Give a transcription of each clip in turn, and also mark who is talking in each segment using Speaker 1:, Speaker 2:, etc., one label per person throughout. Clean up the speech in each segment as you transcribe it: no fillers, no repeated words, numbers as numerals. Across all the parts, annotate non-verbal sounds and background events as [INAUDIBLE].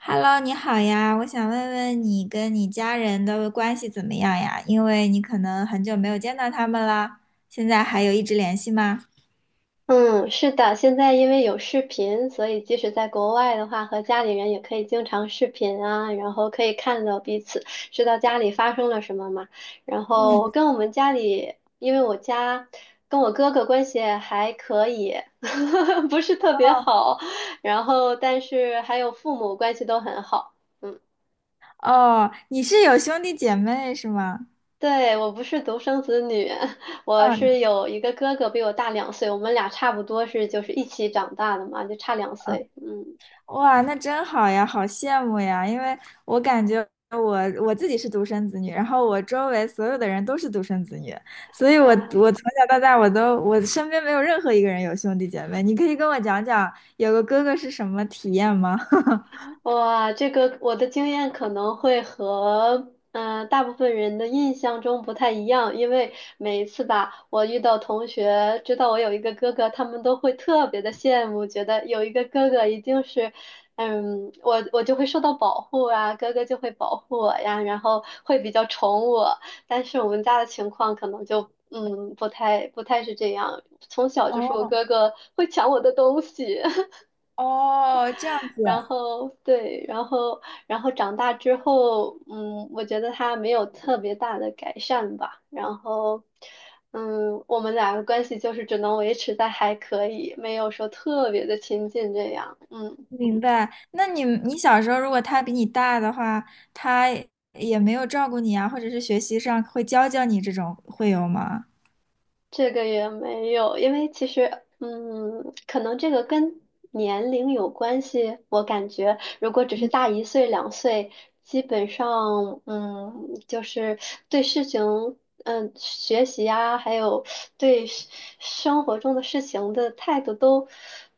Speaker 1: Hello，你好呀，我想问问你跟你家人的关系怎么样呀？因为你可能很久没有见到他们了，现在还有一直联系吗？
Speaker 2: 嗯，是的，现在因为有视频，所以即使在国外的话，和家里人也可以经常视频啊，然后可以看到彼此，知道家里发生了什么嘛。然后
Speaker 1: 嗯，
Speaker 2: 我跟我们家里，因为我家跟我哥哥关系还可以，[LAUGHS] 不是特别好，然后但是还有父母关系都很好。嗯，
Speaker 1: 哦，哦，你是有兄弟姐妹是吗？
Speaker 2: 对，我不是独生子女，[LAUGHS] 我是
Speaker 1: 嗯
Speaker 2: 有一个哥哥比我大两岁，我们俩差不多是就是一起长大的嘛，就差两
Speaker 1: 嗯，
Speaker 2: 岁。嗯。
Speaker 1: 哇，那真好呀，好羡慕呀，因为我感觉我我自己是独生子女，然后我周围所有的人都是独生子女，所以我从
Speaker 2: 啊，
Speaker 1: 小到大我身边没有任何一个人有兄弟姐妹。你可以跟我讲讲有个哥哥是什么体验吗？[LAUGHS]
Speaker 2: 哇，这个我的经验可能会和大部分人的印象中不太一样，因为每一次吧，我遇到同学知道我有一个哥哥，他们都会特别的羡慕，觉得有一个哥哥一定是，我就会受到保护啊，哥哥就会保护我呀，然后会比较宠我。但是我们家的情况可能就不太是这样，从小就是我
Speaker 1: 哦
Speaker 2: 哥哥会抢我的东西。
Speaker 1: 哦，这样子，
Speaker 2: 然后对，然后长大之后，我觉得他没有特别大的改善吧。然后，我们俩的关系就是只能维持在还可以，没有说特别的亲近这样。嗯。
Speaker 1: 明白。那你小时候如果他比你大的话，他也没有照顾你啊，或者是学习上会教教你这种，会有吗？
Speaker 2: 这个也没有，因为其实，可能这个跟年龄有关系。我感觉，如果只是大1岁、两岁，基本上，就是对事情，学习啊，还有对生活中的事情的态度都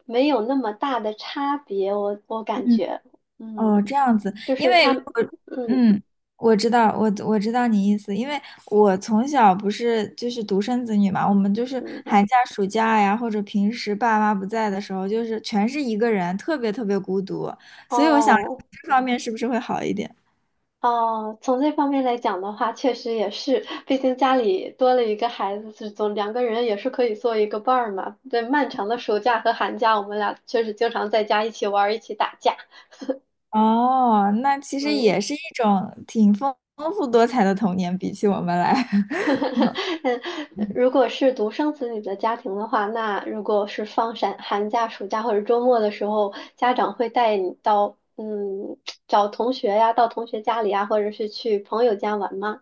Speaker 2: 没有那么大的差别。我感
Speaker 1: 嗯，
Speaker 2: 觉，嗯，
Speaker 1: 哦，这样子，
Speaker 2: 就
Speaker 1: 因
Speaker 2: 是
Speaker 1: 为
Speaker 2: 他，
Speaker 1: 如果
Speaker 2: 嗯
Speaker 1: 嗯，我知道，我知道你意思，因为我从小不是就是独生子女嘛，我们就是
Speaker 2: 嗯，
Speaker 1: 寒假、暑假呀，或者平时爸妈不在的时候，就是全是一个人，特别特别孤独，所以我想
Speaker 2: 哦。
Speaker 1: 这方面是不是会好一点？
Speaker 2: 哦，从这方面来讲的话，确实也是，毕竟家里多了一个孩子，是总两个人也是可以做一个伴儿嘛。对，漫长的暑假和寒假，我们俩确实经常在家一起玩儿，一起打架。
Speaker 1: 哦，那其实也
Speaker 2: 嗯，
Speaker 1: 是一种挺丰富多彩的童年，比起我们来，[LAUGHS]
Speaker 2: [LAUGHS] 嗯，如果是独生子女的家庭的话，那如果是放寒假、暑假或者周末的时候，家长会带你到找同学呀，到同学家里呀，或者是去朋友家玩吗？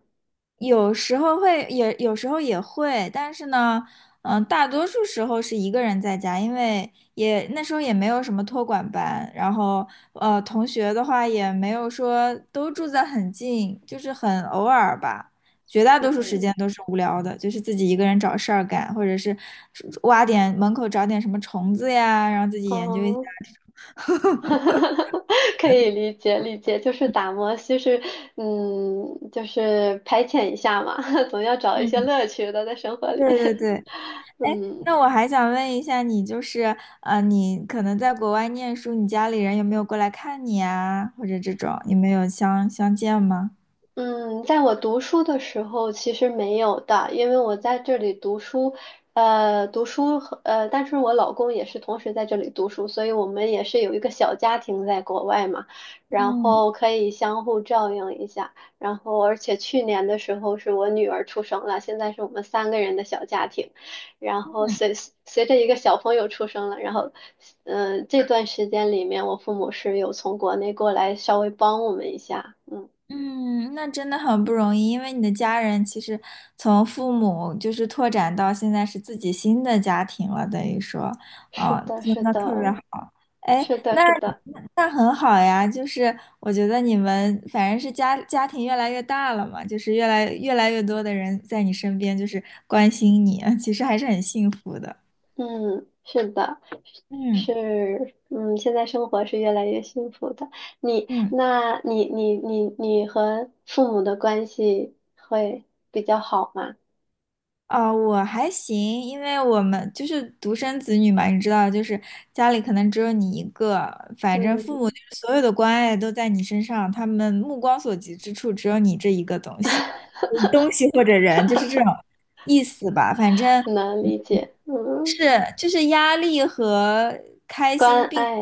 Speaker 1: 有时候会也有时候也会，但是呢，嗯，大多数时候是一个人在家，因为也那时候也没有什么托管班，然后同学的话也没有说都住在很近，就是很偶尔吧，绝大多数时
Speaker 2: 嗯，
Speaker 1: 间都是无聊的，就是自己一个人找事儿干，或者是挖点门口找点什么虫子呀，然后自己研究一下。
Speaker 2: 哦。[LAUGHS] 可以理解理解，就是打磨，就是排遣一下嘛，[LAUGHS] 总要找一些
Speaker 1: 嗯，
Speaker 2: 乐趣的在生活里。
Speaker 1: 对对
Speaker 2: [LAUGHS]
Speaker 1: 对，哎，
Speaker 2: 嗯，
Speaker 1: 那我还想问一下你，就是你可能在国外念书，你家里人有没有过来看你啊，或者这种，你们有相见吗？
Speaker 2: 嗯，在我读书的时候其实没有的，因为我在这里读书，读书和但是我老公也是同时在这里读书，所以我们也是有一个小家庭在国外嘛，然
Speaker 1: 嗯
Speaker 2: 后可以相互照应一下，然后而且去年的时候是我女儿出生了，现在是我们三个人的小家庭，然后
Speaker 1: 嗯，
Speaker 2: 随着一个小朋友出生了，然后，这段时间里面，我父母是有从国内过来稍微帮我们一下，嗯。
Speaker 1: 嗯，那真的很不容易，因为你的家人其实从父母就是拓展到现在是自己新的家庭了，等于说，
Speaker 2: 是
Speaker 1: 啊、
Speaker 2: 的，
Speaker 1: 真
Speaker 2: 是
Speaker 1: 的特别
Speaker 2: 的，
Speaker 1: 好。哎，
Speaker 2: 是的，
Speaker 1: 那
Speaker 2: 是的，
Speaker 1: 那很好呀，就是我觉得你们反正是家庭越来越大了嘛，就是越来越多的人在你身边，就是关心你，其实还是很幸福的。
Speaker 2: 嗯，是的，
Speaker 1: 嗯
Speaker 2: 是，嗯，现在生活是越来越幸福的。你，
Speaker 1: 嗯。
Speaker 2: 那你，你，你，你和父母的关系会比较好吗？
Speaker 1: 啊，我还行，因为我们就是独生子女嘛，你知道，就是家里可能只有你一个，反正父
Speaker 2: 嗯，
Speaker 1: 母就是所有的关爱都在你身上，他们目光所及之处只有你这一个东西，东西
Speaker 2: [LAUGHS]
Speaker 1: 或者人，就是这种意思吧。反正
Speaker 2: 能理解，嗯，
Speaker 1: 是就是压力和
Speaker 2: 关爱，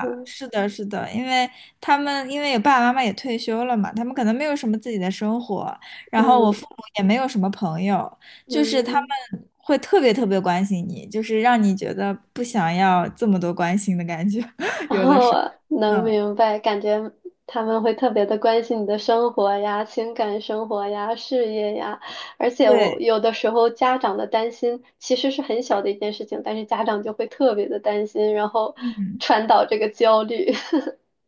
Speaker 2: 嗯
Speaker 1: 是的，是的，因为他们因为有爸爸妈妈也退休了嘛，他们可能没有什么自己的生活，然后我
Speaker 2: 嗯
Speaker 1: 父母也没有什么朋友，就是他
Speaker 2: 嗯。
Speaker 1: 们会特别特别关心你，就是让你觉得不想要这么多关心的感觉。[LAUGHS]
Speaker 2: [LAUGHS] 然后能
Speaker 1: 嗯，
Speaker 2: 明白，感觉他们会特别的关心你的生活呀、情感生活呀、事业呀，而且我
Speaker 1: 对，
Speaker 2: 有的时候家长的担心其实是很小的一件事情，但是家长就会特别的担心，然后
Speaker 1: 嗯。
Speaker 2: 传导这个焦虑。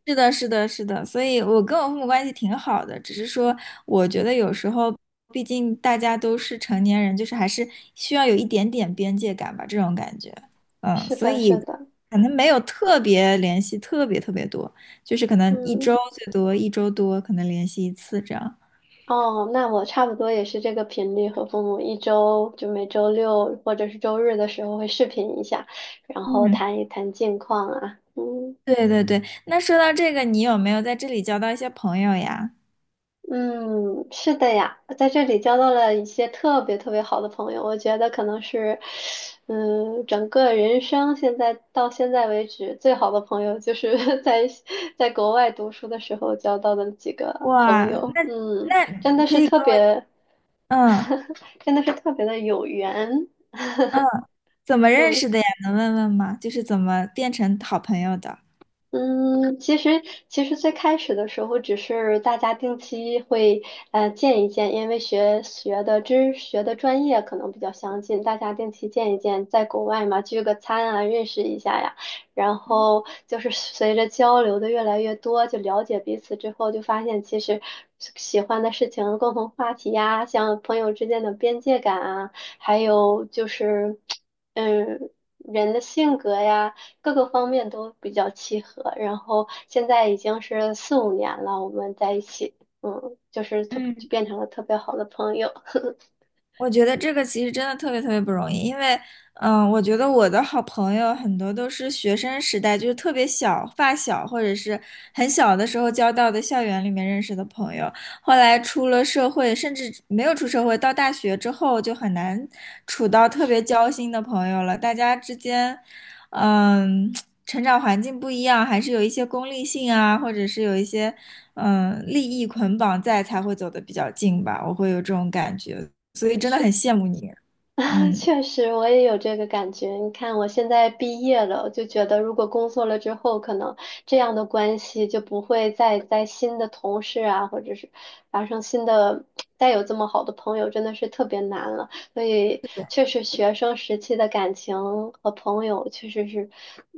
Speaker 1: 是的，是的，是的，所以我跟我父母关系挺好的，只是说我觉得有时候，毕竟大家都是成年人，就是还是需要有一点点边界感吧，这种感觉，
Speaker 2: [LAUGHS]
Speaker 1: 嗯，
Speaker 2: 是
Speaker 1: 所
Speaker 2: 的，
Speaker 1: 以
Speaker 2: 是的，
Speaker 1: 可能没有特别联系，特别特别多，就是可能一周
Speaker 2: 嗯，
Speaker 1: 最多一周多可能联系一次这样。
Speaker 2: 哦，那我差不多也是这个频率，和父母一周就每周六或者是周日的时候会视频一下，然后
Speaker 1: 嗯，
Speaker 2: 谈一谈近况啊，嗯。
Speaker 1: 对对对。那说到这个，你有没有在这里交到一些朋友呀？
Speaker 2: 嗯，是的呀，在这里交到了一些特别特别好的朋友，我觉得可能是，整个人生现在到现在为止最好的朋友就是 [LAUGHS] 在国外读书的时候交到的几个
Speaker 1: 哇，
Speaker 2: 朋友，
Speaker 1: 那
Speaker 2: 真
Speaker 1: 那
Speaker 2: 的
Speaker 1: 可
Speaker 2: 是
Speaker 1: 以
Speaker 2: 特
Speaker 1: 跟我，
Speaker 2: 别，
Speaker 1: 嗯。
Speaker 2: [LAUGHS] 真的是特别的有缘，
Speaker 1: 嗯，怎么认
Speaker 2: 嗯。
Speaker 1: 识的呀？能问问吗？就是怎么变成好朋友的？
Speaker 2: 嗯，其实其实最开始的时候，只是大家定期会见一见，因为学的专业可能比较相近，大家定期见一见，在国外嘛聚个餐啊，认识一下呀。然后就是随着交流的越来越多，就了解彼此之后，就发现其实喜欢的事情、共同话题呀，像朋友之间的边界感啊，还有就是嗯人的性格呀。各个方面都比较契合。然后现在已经是四五年了，我们在一起，就是就
Speaker 1: 嗯。
Speaker 2: 变成了特别好的朋友。[LAUGHS]
Speaker 1: 我觉得这个其实真的特别特别不容易，因为，嗯，我觉得我的好朋友很多都是学生时代，就是特别小、发小，或者是很小的时候交到的校园里面认识的朋友，后来出了社会，甚至没有出社会，到大学之后就很难处到特别交心的朋友了。大家之间，嗯，成长环境不一样，还是有一些功利性啊，或者是有一些，嗯，利益捆绑在，才会走得比较近吧。我会有这种感觉。所以真的很羡慕你。
Speaker 2: [LAUGHS] 啊，
Speaker 1: 嗯，
Speaker 2: 确实，我也有这个感觉。你看，我现在毕业了，就觉得如果工作了之后，可能这样的关系就不会再在新的同事啊，或者是发生新的，再有这么好的朋友，真的是特别难了。所以，确实学生时期的感情和朋友确实是，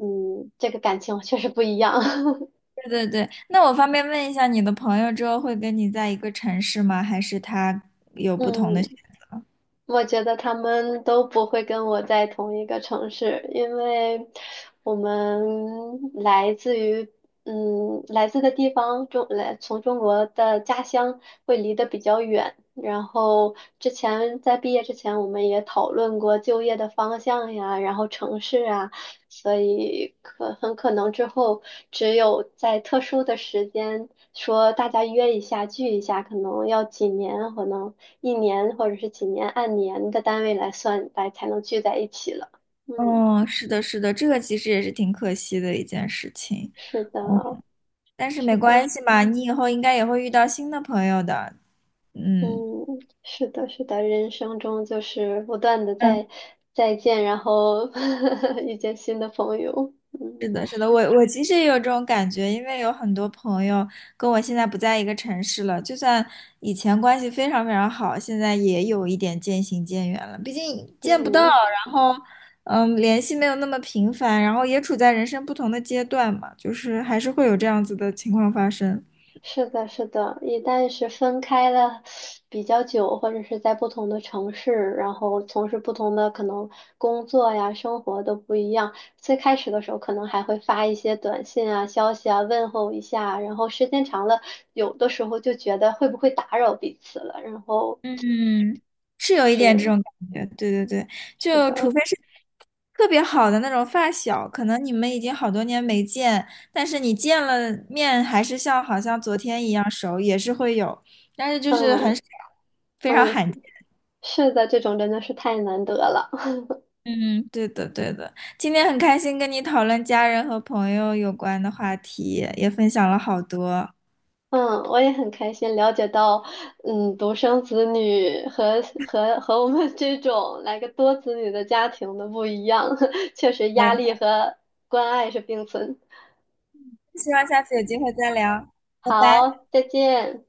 Speaker 2: 这个感情确实不一样。[LAUGHS]
Speaker 1: 对对对。那我方便问一下，你的朋友之后会跟你在一个城市吗？还是他有不同的
Speaker 2: 嗯，
Speaker 1: 选？
Speaker 2: 我觉得他们都不会跟我在同一个城市，因为我们来自于来自的地方中来从中国的家乡会离得比较远。然后之前在毕业之前，我们也讨论过就业的方向呀，然后城市啊，所以很可能之后只有在特殊的时间说大家约一下聚一下，可能要几年，可能一年或者是几年按年的单位来算来才能聚在一起了。嗯，
Speaker 1: 哦，是的，是的，这个其实也是挺可惜的一件事情。
Speaker 2: 是的，
Speaker 1: 嗯，但是
Speaker 2: 是
Speaker 1: 没
Speaker 2: 的，
Speaker 1: 关系嘛，你以后应该也会遇到新的朋友的。嗯
Speaker 2: 嗯，是的，是的，人生中就是不断的
Speaker 1: 嗯。
Speaker 2: 在再见，然后 [LAUGHS] 遇见新的朋友。
Speaker 1: 是
Speaker 2: 嗯
Speaker 1: 的，是的，我其实也有这种感觉，因为有很多朋友跟我现在不在一个城市了，就算以前关系非常非常好，现在也有一点渐行渐远了。毕竟见不到，
Speaker 2: 嗯。
Speaker 1: 然后嗯，联系没有那么频繁，然后也处在人生不同的阶段嘛，就是还是会有这样子的情况发生。
Speaker 2: 是的，是的，一旦是分开了比较久，或者是在不同的城市，然后从事不同的可能工作呀、生活都不一样。最开始的时候，可能还会发一些短信啊、消息啊，问候一下。然后时间长了，有的时候就觉得会不会打扰彼此了。然后
Speaker 1: 嗯，是有一点这
Speaker 2: 就
Speaker 1: 种感觉，对对对，
Speaker 2: 是
Speaker 1: 就除
Speaker 2: 的，
Speaker 1: 非是特别好的那种发小，可能你们已经好多年没见，但是你见了面还是像好像昨天一样熟，也是会有，但是就是很
Speaker 2: 嗯
Speaker 1: 少，非常
Speaker 2: 嗯，
Speaker 1: 罕见。
Speaker 2: 是的，这种真的是太难得了。
Speaker 1: 嗯，对的对的，今天很开心跟你讨论家人和朋友有关的话题，也分享了好多。
Speaker 2: 嗯，我也很开心了解到，独生子女和我们这种来个多子女的家庭的不一样，[LAUGHS] 确实压
Speaker 1: 那
Speaker 2: 力和关爱是并存。
Speaker 1: 希望下次有机会再聊，拜拜。
Speaker 2: 好，再见。